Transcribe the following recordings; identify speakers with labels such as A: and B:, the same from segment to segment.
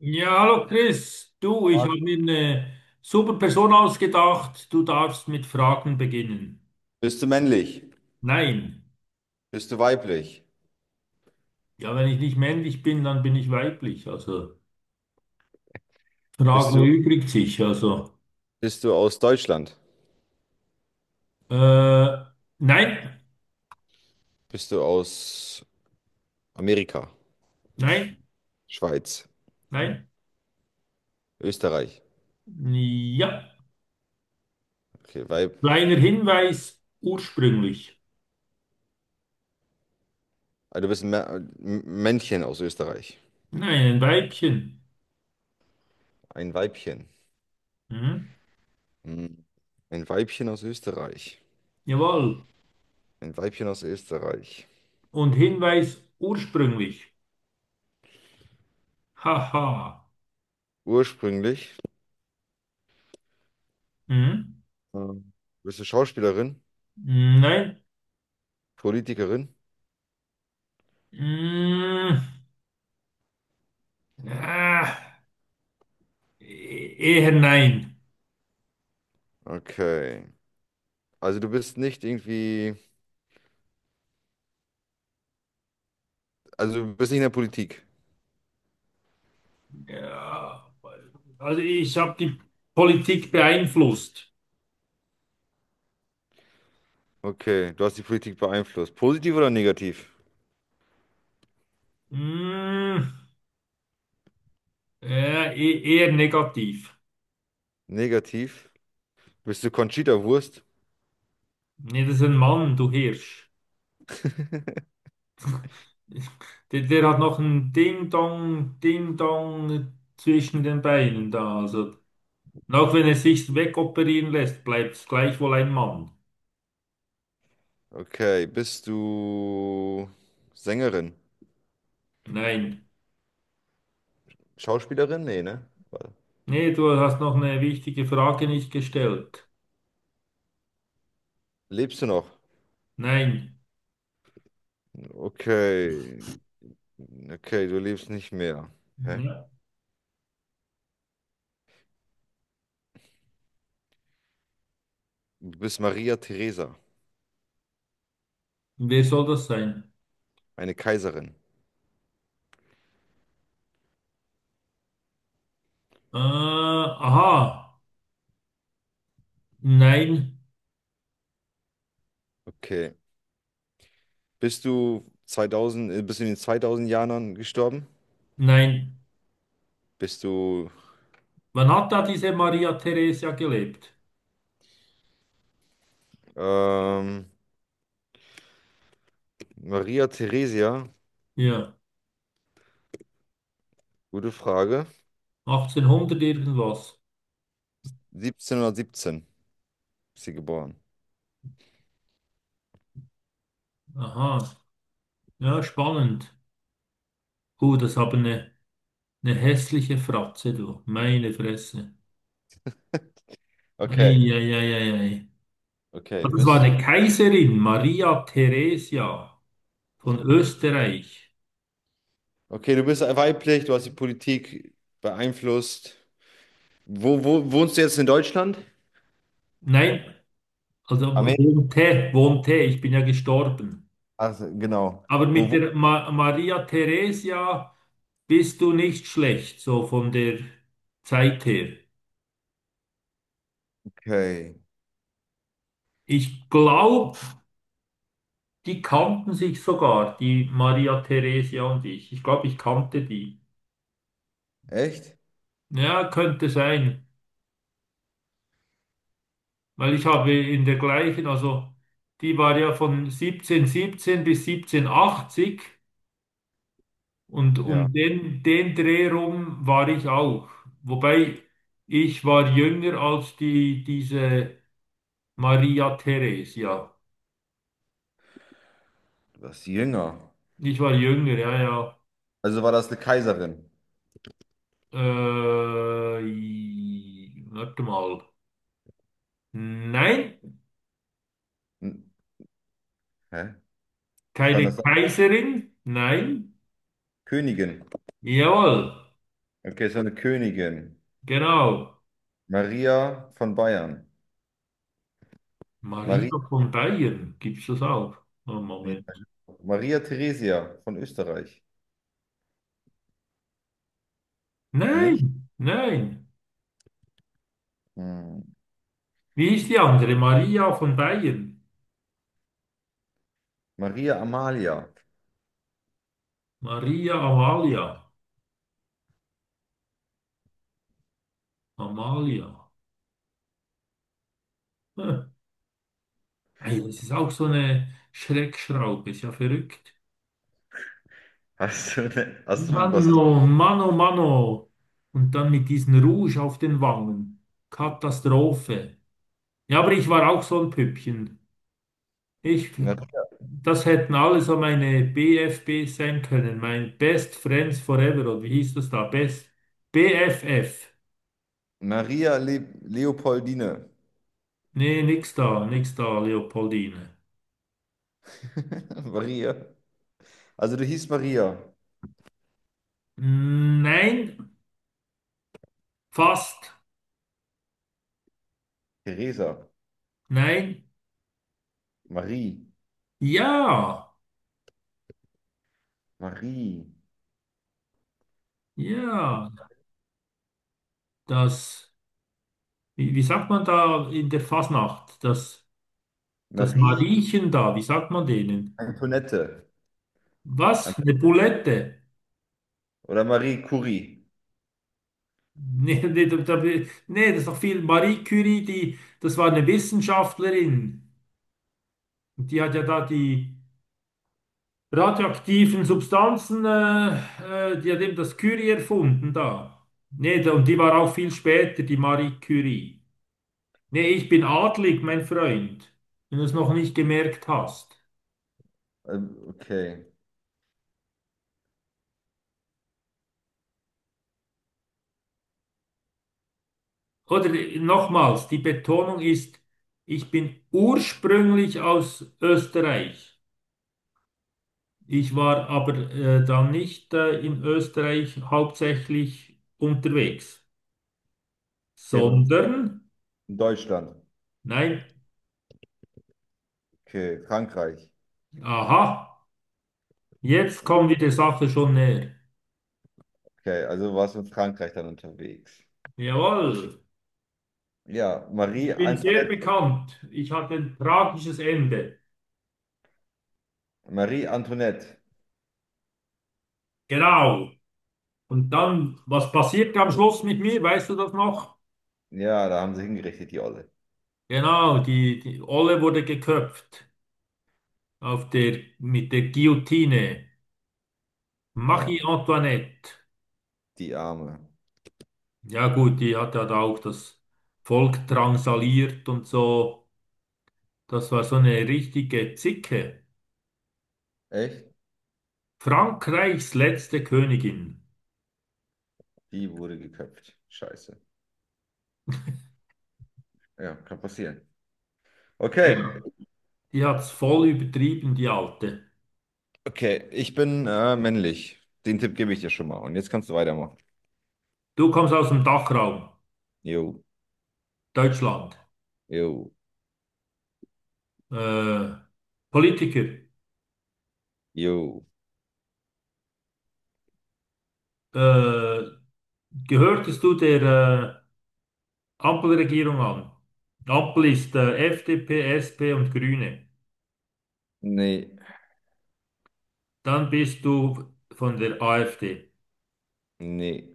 A: Ja, hallo Chris. Du, ich habe mir eine super Person ausgedacht. Du darfst mit Fragen beginnen.
B: Bist du männlich?
A: Nein.
B: Bist du weiblich?
A: Ja, wenn ich nicht männlich bin, dann bin ich weiblich. Also
B: Bist
A: Frage
B: du,
A: erübrigt sich. Also
B: bist du aus Deutschland?
A: äh, nein,
B: Bist du aus Amerika?
A: nein,
B: Schweiz?
A: nein.
B: Österreich?
A: Ja.
B: Okay, Weib.
A: Kleiner Hinweis, ursprünglich.
B: Also du bist ein Männchen aus Österreich.
A: Nein, ein Weibchen.
B: Ein Weibchen.
A: Hm?
B: Hm. Ein Weibchen aus Österreich.
A: Jawohl.
B: Ein Weibchen aus Österreich.
A: Und Hinweis ursprünglich. Haha.
B: Ursprünglich.
A: Hm?
B: ähm, Bist du Schauspielerin?
A: Nein.
B: Politikerin?
A: Hm. Ah, eher nein.
B: Okay. Also du bist nicht irgendwie. Also du bist nicht in der Politik.
A: Ja, also ich habe die Politik beeinflusst.
B: Okay. Du hast die Politik beeinflusst. Positiv oder negativ?
A: Hm, ja, eher negativ.
B: Negativ. Bist du Conchita Wurst?
A: Nee, das ist ein Mann, du Hirsch. Der hat noch ein Ding-Dong, Ding-Dong zwischen den Beinen da. Also, und auch wenn er sich wegoperieren lässt, bleibt es gleichwohl ein Mann.
B: Okay, bist du Sängerin?
A: Nein.
B: Schauspielerin? Nee, ne? Warte.
A: Nee, du hast noch eine wichtige Frage nicht gestellt.
B: Lebst du noch?
A: Nein.
B: Okay. Okay, du lebst nicht mehr. Hä?
A: Ja.
B: Du bist Maria Theresa,
A: Wer soll das sein?
B: eine Kaiserin.
A: Äh, aha, nein,
B: Okay. Bist du in den 2000 Jahren gestorben?
A: nein.
B: Bist du
A: Wann hat da diese Maria Theresia gelebt?
B: ähm, Maria Theresia?
A: Ja,
B: Gute Frage.
A: 1800 irgendwas.
B: 1717 ist sie geboren.
A: Aha, ja, spannend. Das haben eine hässliche Fratze, du. Meine Fresse.
B: Okay,
A: Eieieiei.
B: okay.
A: Also das war
B: Bist.
A: eine Kaiserin, Maria Theresia von Österreich.
B: Okay, du bist weiblich, du hast die Politik beeinflusst. Wo wohnst du jetzt in Deutschland?
A: Nein, also
B: Amerika,
A: wohnte, ich bin ja gestorben.
B: ach, so, genau.
A: Aber mit
B: Wo?
A: der Ma Maria Theresia bist du nicht schlecht, so von der Zeit her.
B: Okay.
A: Ich glaube, die kannten sich sogar, die Maria Theresia und ich. Ich glaube, ich kannte die.
B: Echt?
A: Ja, könnte sein, weil ich habe in der gleichen, also die war ja von 1717 bis 1780 und
B: Ja,
A: um den Dreh rum war ich auch. Wobei ich war jünger als diese Maria Theresia.
B: du warst jünger.
A: Ich war jünger, ja, ja.
B: Also war das eine Kaiserin.
A: Warte mal. Nein,
B: Hm. Hä? Was war
A: keine
B: das?
A: Kaiserin. Nein.
B: Königin.
A: Jawohl,
B: Okay, es war eine Königin.
A: genau.
B: Maria von Bayern.
A: Maria
B: Maria,
A: von Bayern, gibt's das auch? Oh,
B: nee,
A: Moment.
B: Maria Theresia von Österreich. Nicht?
A: Nein, nein.
B: Hm.
A: Wie ist die andere? Maria von Bayern.
B: Maria Amalia.
A: Maria Amalia. Amalia. Hm. Hey, das ist auch so eine Schreckschraube, ist ja verrückt.
B: Hast du was?
A: Mano, Mano, Mano. Und dann mit diesem Rouge auf den Wangen. Katastrophe. Ja, aber ich war auch so ein Püppchen. Ich, das hätten alle so meine BFB sein können. Mein Best Friends Forever. Oder wie hieß das da? Best BFF.
B: Maria Le Leopoldine.
A: Nee, nix da, Leopoldine.
B: Maria. Also du hießt Maria,
A: Nein, fast.
B: Theresa,
A: Nein,
B: Marie,
A: ja,
B: Marie,
A: ja. Das, wie sagt man da in der Fasnacht? Das. Das
B: Marie
A: Mariechen da, wie sagt man denen?
B: Antoinette
A: Was? Eine
B: Ant-
A: Bulette?
B: oder Marie Curie.
A: Nee, nee, nee, das ist doch viel. Marie Curie, die, das war eine Wissenschaftlerin. Und die hat ja da die radioaktiven Substanzen, die hat eben das Curie erfunden da. Nee, da, und die war auch viel später, die Marie Curie. Nee, ich bin adlig, mein Freund, wenn du es noch nicht gemerkt hast.
B: Okay.
A: Oder nochmals, die Betonung ist, ich bin ursprünglich aus Österreich. Ich war aber dann nicht in Österreich hauptsächlich unterwegs,
B: Okay.
A: sondern,
B: In Deutschland.
A: nein,
B: Okay, Frankreich.
A: aha, jetzt kommen wir der Sache schon näher.
B: Okay, also warst du in Frankreich dann unterwegs.
A: Jawohl,
B: Ja, Marie
A: ich bin sehr
B: Antoinette.
A: bekannt. Ich hatte ein tragisches Ende.
B: Marie Antoinette.
A: Genau. Und dann, was passiert am Schluss mit mir? Weißt du das noch?
B: Ja, da haben sie hingerichtet, die Olle.
A: Genau, die Olle wurde geköpft. Auf der, mit der Guillotine. Marie
B: Ah,
A: Antoinette.
B: die Arme.
A: Ja gut, die hat ja da auch das Volk drangsaliert und so. Das war so eine richtige Zicke.
B: Echt?
A: Frankreichs letzte Königin.
B: Die wurde geköpft. Scheiße. Ja, kann passieren. Okay.
A: Ja, die hat's voll übertrieben, die Alte.
B: Okay, ich bin männlich. Den Tipp gebe ich dir schon mal. Und jetzt kannst du weitermachen.
A: Du kommst aus dem Dachraum,
B: Jo,
A: Deutschland.
B: jo,
A: Äh, Politiker.
B: jo.
A: Äh, gehörtest du der Ampelregierung an? Ampel ist FDP, SP und Grüne.
B: Nee,
A: Dann bist du von der AfD.
B: nee,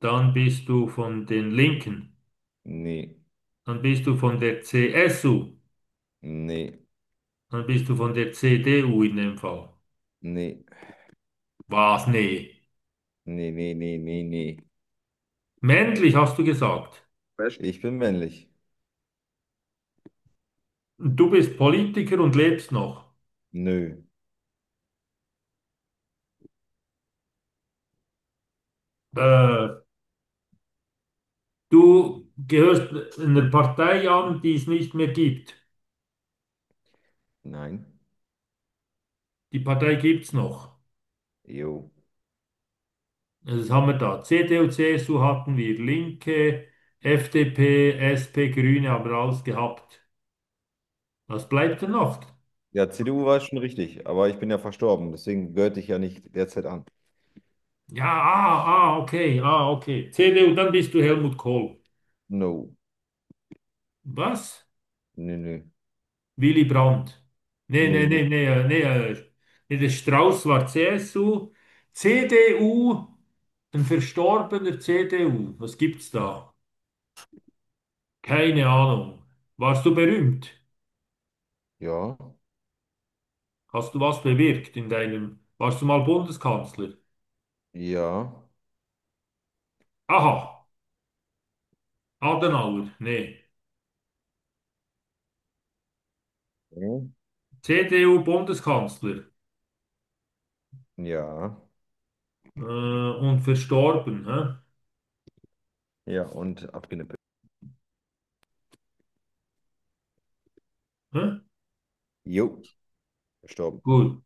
A: Dann bist du von den Linken.
B: nee,
A: Dann bist du von der CSU.
B: nee,
A: Dann bist du von der CDU in dem Fall.
B: nee,
A: Was? Nee.
B: nee, nee, nee, nee, nee.
A: Männlich hast du gesagt.
B: Was? Ich bin männlich.
A: Du bist Politiker und lebst noch.
B: Nö,
A: Äh, du gehörst einer Partei an, die es nicht mehr gibt.
B: nein,
A: Die Partei gibt's noch.
B: jo.
A: Das haben wir da. CDU, CSU hatten wir. Linke, FDP, SP, Grüne haben wir alles gehabt. Was bleibt denn noch?
B: Ja, CDU war schon richtig, aber ich bin ja verstorben, deswegen gehörte ich ja nicht derzeit an.
A: Ja, ah, ah, okay, ah, okay. CDU, dann bist du Helmut Kohl.
B: No,
A: Was?
B: nö, nö,
A: Willy Brandt. Nee,
B: nö,
A: nee,
B: nö.
A: nee, nee, nee, der Strauß war CSU. CDU, ein verstorbener CDU. Was gibt's da? Keine Ahnung. Warst du berühmt?
B: Ja,
A: Hast du was bewirkt in deinem... Warst du mal Bundeskanzler?
B: ja,
A: Aha, Adenauer, nee.
B: ja,
A: CDU-Bundeskanzler.
B: ja,
A: Und verstorben, hä?
B: ja, und abgenippelt.
A: Hä?
B: Jo, verstorben.
A: Gut.